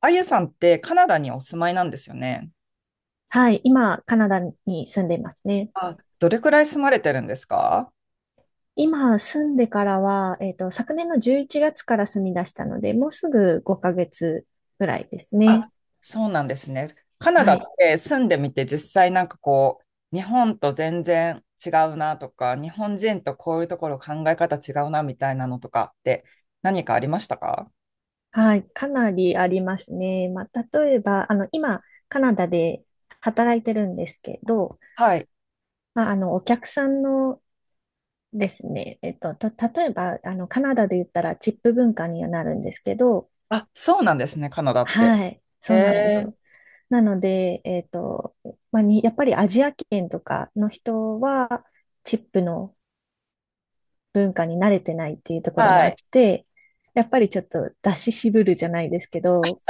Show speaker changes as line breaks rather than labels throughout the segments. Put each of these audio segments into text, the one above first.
あゆさんってカナダにお住まいなんですよね。
はい、今、カナダに住んでいますね。
あ、どれくらい住まれてるんですか？
今、住んでからは、昨年の11月から住み出したので、もうすぐ5ヶ月ぐらいです
あ、
ね。
そうなんですね。カナダ
は
っ
い。
て住んでみて実際なんかこう、日本と全然違うなとか、日本人とこういうところ考え方違うなみたいなのとかって何かありましたか？
はい。かなりありますね。まあ、例えば、今、カナダで働いてるんですけど、
はい。
まあ、お客さんのですね、例えば、カナダで言ったらチップ文化にはなるんですけど、
あ、そうなんですね、カナダって。
はい。そうなんです
えー、
よ。なので、まあ、やっぱりアジア圏とかの人は、チップの文化に慣れてないっていうところも
は
あ
い。
って、やっぱりちょっと出し渋るじゃないですけど、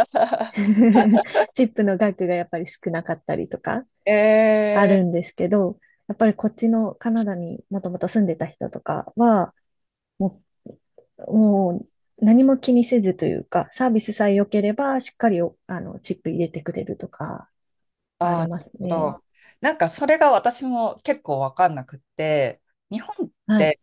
チップの額がやっぱり少なかったりとか あ
え、
るんですけど、やっぱりこっちのカナダにもともと住んでた人とかは、ももう何も気にせずというか、サービスさえ良ければしっかりおチップ入れてくれるとかあ
ああ、
り
な
ま
る
す
ほ
ね。
ど。なんかそれが私も結構わかんなくって、日本っ
はい。
て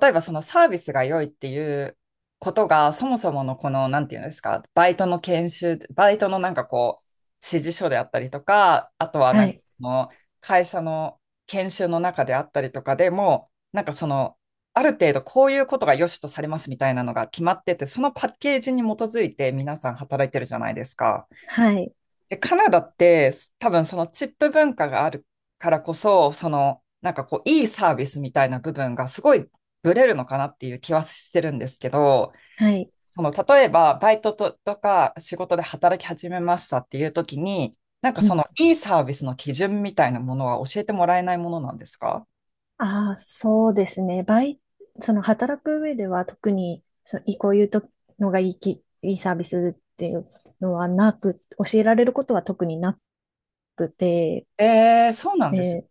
例えばそのサービスが良いっていうことがそもそものこの、なんていうんですか、バイトの研修、バイトのなんかこう、指示書であったりとか、あとは
は
なんか
い。
その会社の研修の中であったりとかでも、なんかその、ある程度こういうことが良しとされますみたいなのが決まってて、そのパッケージに基づいて皆さん働いてるじゃないですか。
はい、
で、カナダって多分そのチップ文化があるからこそ、そのなんかこういいサービスみたいな部分がすごいブレるのかなっていう気はしてるんですけど、
はい。
その例えばバイトと、とか仕事で働き始めましたっていう時に、なんか
う
そ
ん。
のいいサービスの基準みたいなものは教えてもらえないものなんですか？
ああ、そうですね。その働く上では特に、その、いこういうとのがいいき、いいサービスっていうのはなく、教えられることは特になくて、
えー、そうなん
え
です。
ー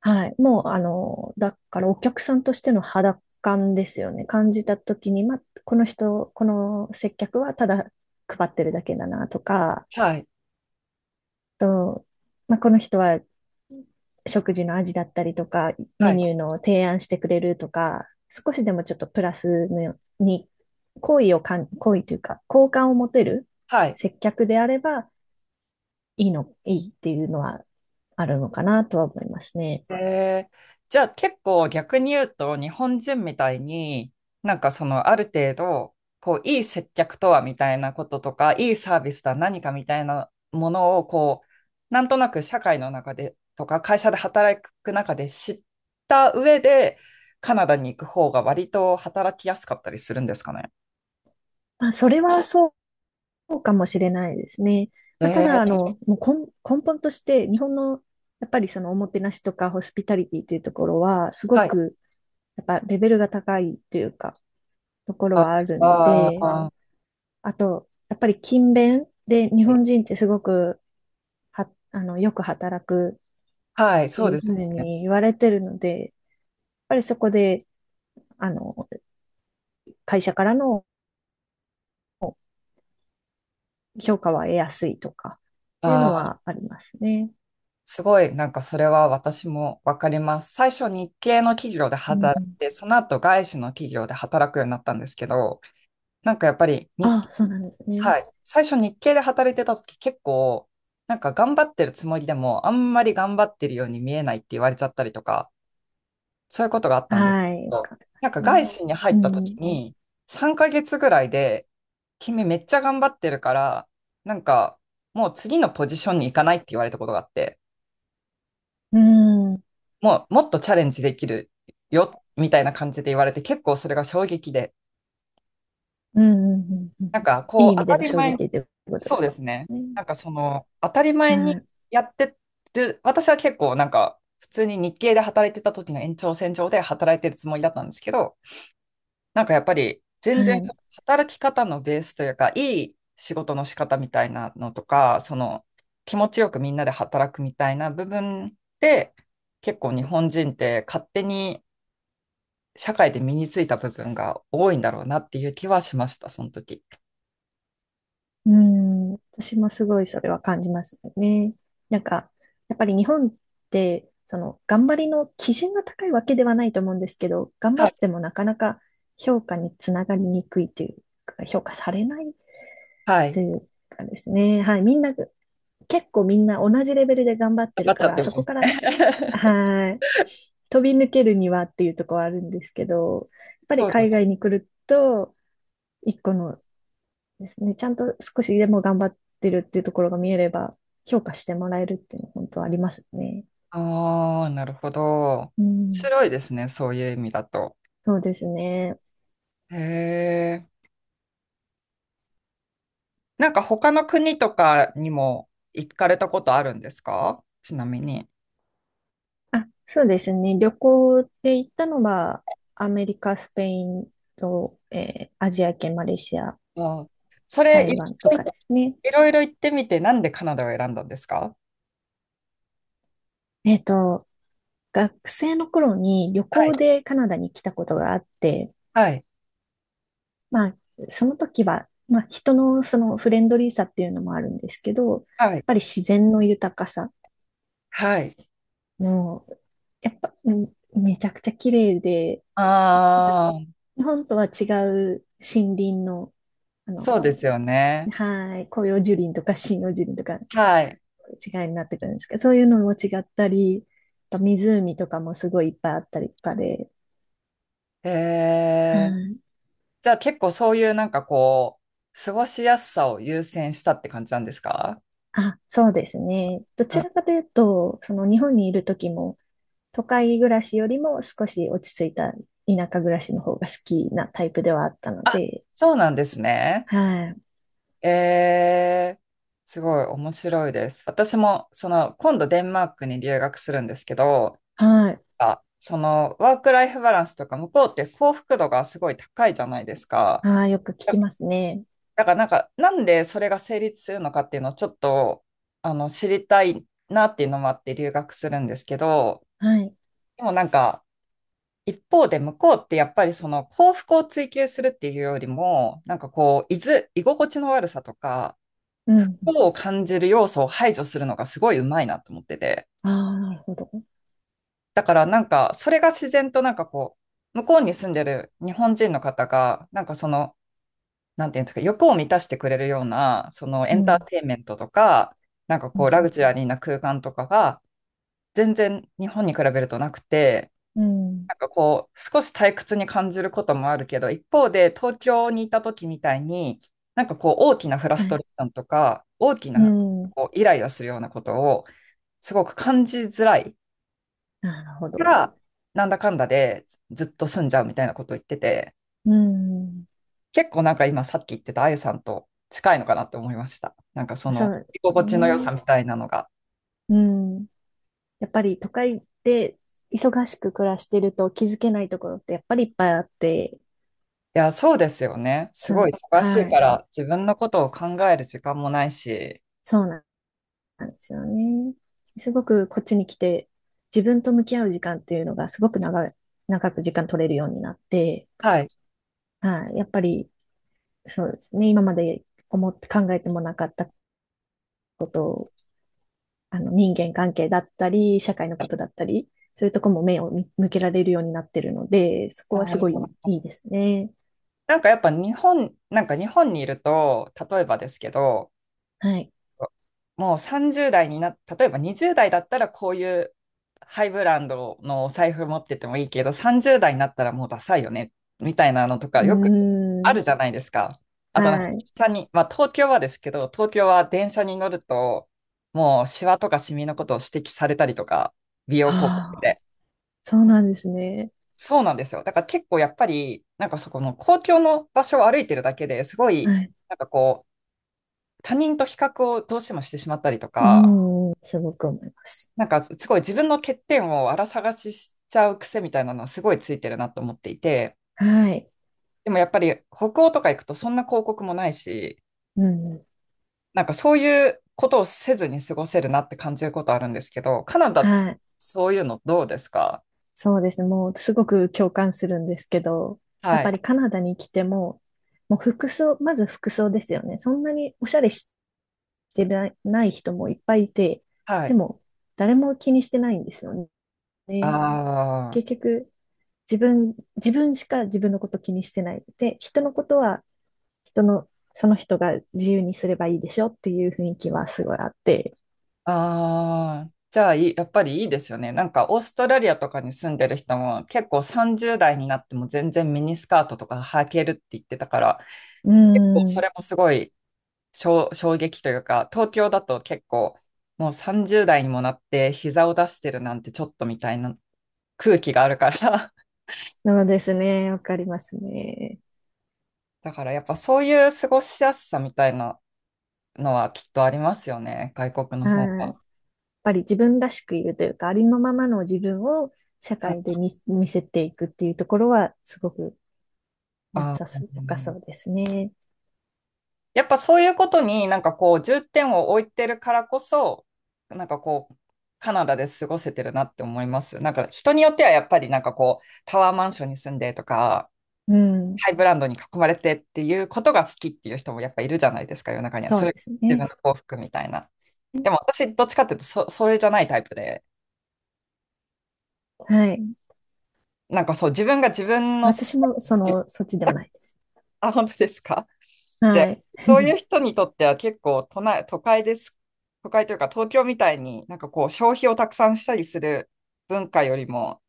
はい。もう、だからお客さんとしての肌感ですよね。感じたときに、ま、この接客はただ配ってるだけだなとか、
はい、
と、まあ、この人は食事の味だったりとか、メ
はい、
ニューの提案してくれるとか、少しでもちょっとプラスのに、好意というか、好感を持てる
はい。
接客であれば、いいっていうのはあるのかなとは思いますね。
えー、じゃあ結構逆に言うと日本人みたいになんかそのある程度こういい接客とはみたいなこととかいいサービスとは何かみたいなものをこうなんとなく社会の中でとか会社で働く中で知った上でカナダに行く方が割と働きやすかったりするんですかね？
まあ、それはそうかもしれないですね。
え
まあ、ただ、
ー、
もう根本として、日本の、やっぱりそのおもてなしとかホスピタリティというところは、すご
はい。
く、やっぱレベルが高いというか、ところはある
あ
ので、
あー、
あと、やっぱり勤勉で日
はい、
本人ってすごくは、よく働く
はい、
って
そう
いう
です
ふう
ね。
に言われてるので、やっぱりそこで、あの、会社からの評価は得やすいとか、いうの
あ、
はありますね。
すごい、なんかそれは私もわかります。最初日系の企業で
う
働い
ん。
て、その後外資の企業で働くようになったんですけど、なんかやっぱり
あ、そうなんですね。
はい、最初日系で働いてた時結構、なんか頑張ってるつもりでも、あんまり頑張ってるように見えないって言われちゃったりとか、そういうことがあったんです
はい、
け
よ
ど、
くありま
なん
す
か
ね。
外資に入
う
った時
ん。
に、3ヶ月ぐらいで、君めっちゃ頑張ってるから、なんかもう次のポジションに行かないって言われたことがあって、
うん。うん。
もうもっとチャレンジできるよみたいな感じで言われて結構それが衝撃で
うん。うん。うん。
なんか
いい
こ
意
う当
味で
た
の
り
衝
前、
撃ということで
そう
す
ですね。
ね。
なんかその当たり前に
はい。
やってる私は結構なんか普通に日系で働いてた時の延長線上で働いてるつもりだったんですけど、なんかやっぱり
は
全然
い。
働き方のベースというかいい仕事の仕方みたいなのとかその気持ちよくみんなで働くみたいな部分で結構日本人って勝手に社会で身についた部分が多いんだろうなっていう気はしました、その時。
うん、私もすごいそれは感じますよね。なんか、やっぱり日本って、その、頑張りの基準が高いわけではないと思うんですけど、頑張
はい。
ってもなかなか評価につながりにくいというか、評価されない
は
と
い。
いうかですね。はい、みんな、結構みんな同じレベルで頑張ってる
なっち
か
ゃっ
ら、
てる。
そこから、はい、飛び抜けるにはっていうところはあるんですけど、やっぱ
そ
り
うで
海
す。
外に来ると、一個のですね。ちゃんと少しでも頑張ってるっていうところが見えれば、評価してもらえるっていうのは本当ありますね。
ああ、なるほど。面
うん。
白いですね、そういう意味だと。
そうですね。
へえ。なんか他の国とかにも行かれたことあるんですか、ちなみに？
あ、そうですね。旅行で行ったのは、アメリカ、スペインと、アジア圏、マレーシア、
あーそれ、
台
い
湾と
ろい
か
ろ
ですね。
いろいろ行ってみて、なんでカナダを選んだんですか？
えっと、学生の頃に旅
はい。
行でカナダに来たことがあって、
はい。
まあ、その時は、まあ、人のそのフレンドリーさっていうのもあるんですけど、やっ
はい。
ぱり自然の豊かさ
はい。
のやっぱ、うんめちゃくちゃ綺麗で、あの
ああ、
日本とは違う森林の、あ
そうで
の、
すよね。
はい、広葉樹林とか針葉樹林とか
はい。
違いになってくるんですけど、そういうのも違ったり、あと湖とかもすごいいっぱいあったりとかで、
へえ。
はい。
じゃあ結構そういうなんかこう、過ごしやすさを優先したって感じなんですか？
あ、そうですね。どち
あ、
らかというと、その日本にいる時も、都会暮らしよりも少し落ち着いた田舎暮らしの方が好きなタイプではあったので、
そうなんですね。
はい。
えー、すごい面白いです。私もその今度デンマークに留学するんですけど、
はい。
あ、そのワークライフバランスとか向こうって幸福度がすごい高いじゃないですか。
ああ、よく聞
だ
きますね。
だからなんか、なんでそれが成立するのかっていうのをちょっとあの知りたいなっていうのもあって留学するんですけど、
はい。
でもなんか一方で向こうってやっぱりその幸福を追求するっていうよりも、なんかこう、居ず、居心地の悪さとか、
う
不
ん。
幸を感じる要素を排除するのがすごいうまいなと思ってて。
ああ、なるほど。
だからなんか、それが自然となんかこう、向こうに住んでる日本人の方が、なんかその、なんていうんですか、欲を満たしてくれるような、そのエ
う
ンター
ん。
テインメントとか、なんか
う
こう、ラグ
ん。
ジュアリーな空間とかが、全然日本に比べるとなくて、
うん。うん。
なんかこう、少し退屈に感じることもあるけど、一方で東京にいた時みたいに、なんかこう、大きなフラス
は
ト
い。
レーションとか、大き
う
な
ん。
こうイライラするようなことを、すごく感じづらい
なるほ
か
ど。
ら、なんだかんだでずっと住んじゃうみたいなことを言ってて、
うん。
結構なんか今さっき言ってたあゆさんと近いのかなって思いました。なんかそ
そ
の、
うで
居
す
心地の良さ
ね。
みたいなのが。
うん。やっぱり都会で忙しく暮らしてると気づけないところってやっぱりいっぱいあって、
いや、そうですよね。す
そ
ごい
の、
忙しい
は
か
い。
ら、自分のことを考える時間もないし、
そうなんですよね。すごくこっちに来て自分と向き合う時間っていうのがすごく長い、長く時間取れるようになって、
はい。
はい。やっぱりそうですね。今まで思って考えてもなかった人間関係だったり、社会のことだったり、そういうとこも目をみ向けられるようになってるので、そこ
あ
はすごい
ー、
いいですね。
なんかやっぱ日本、なんか日本にいると、例えばですけど、
はい。
もう30代にな、例えば20代だったらこういうハイブランドのお財布持っててもいいけど、30代になったらもうダサいよね、みたいなのと
う
か
ー
よくあ
ん。
るじゃないですか。あとなんか、
はい。
電車に、まあ東京はですけど、東京は電車に乗ると、もうシワとかシミのことを指摘されたりとか、美
あ
容広告
あ、
で。
そうなんですね。
そうなんですよ。だから結構やっぱり、なんかそこの公共の場所を歩いてるだけですご
は
い、
い。
なんかこう、他人と比較をどうしてもしてしまったりと
う
か、
ーん。すごく思います。
なんかすごい自分の欠点をあら探ししちゃう癖みたいなのはすごいついてるなと思っていて、
はい。
でもやっぱり北欧とか行くとそんな広告もないし、
うん。
なんかそういうことをせずに過ごせるなって感じることあるんですけど、カナダ、
はい。
そういうのどうですか？
そうですね。もう、すごく共感するんですけど、やっ
は
ぱ
い。
りカナダに来ても、もう服装、まず服装ですよね。そんなにおしゃれししてない人もいっぱいいて、
は
で
い。
も誰も気にしてないんですよね。
ああ。
結局、自分しか自分のこと気にしてない。で、人のことは人の、その人が自由にすればいいでしょっていう雰囲気はすごいあって。
ああ、じゃあいい、やっぱりいいですよね。なんかオーストラリアとかに住んでる人も結構30代になっても全然ミニスカートとか履けるって言ってたから、
うー
結構そ
ん。
れもすごい衝撃というか、東京だと結構もう30代にもなって膝を出してるなんてちょっとみたいな空気があるから、
そうですね。わかりますね。
だからやっぱそういう過ごしやすさみたいなのはきっとありますよね、外国の
う
方
ん。や
は。
っぱり自分らしくいるというか、ありのままの自分を社会で見せていくっていうところは、すごく
ああ
良さそう
ー、
ですね。
やっぱそういうことになんかこう重点を置いてるからこそ、なんかこう、カナダで過ごせてるなって思います。なんか人によってはやっぱりなんかこう、タワーマンションに住んでとか、
うん。
ハイブランドに囲まれてっていうことが好きっていう人もやっぱいるじゃないですか、世の中には。
そ
そ
うで
れが
す
自
ね。
分の幸福みたいな。でも私、どっちかっていうとそれじゃないタイプで、
はい。
なんかそう、自分が自分の好き
私
な、
も、その、そっちではないです。
あ、本当ですか？じゃあ、
はい。
そういう 人にとっては結構都内、都会です。都会というか東京みたいになんかこう消費をたくさんしたりする文化よりも、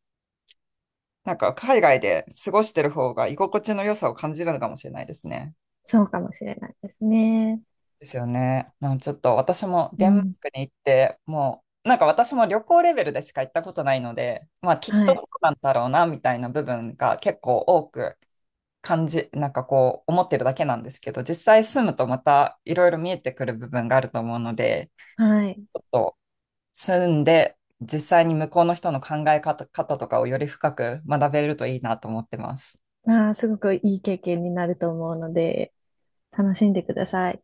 なんか海外で過ごしてる方が居心地の良さを感じるのかもしれないですね。
そうかもしれないですね。
ですよね。なんかちょっと私も
う
デンマー
ん。
クに行って、もうなんか私も旅行レベルでしか行ったことないので、まあきっ
は
とそう
い。
なんだろうなみたいな部分が結構多くなんかこう思ってるだけなんですけど、実際住むとまたいろいろ見えてくる部分があると思うので、
はい。
ちょっと住んで実際に向こうの人の考え方とかをより深く学べるといいなと思ってます。
ああ、すごくいい経験になると思うので、楽しんでください。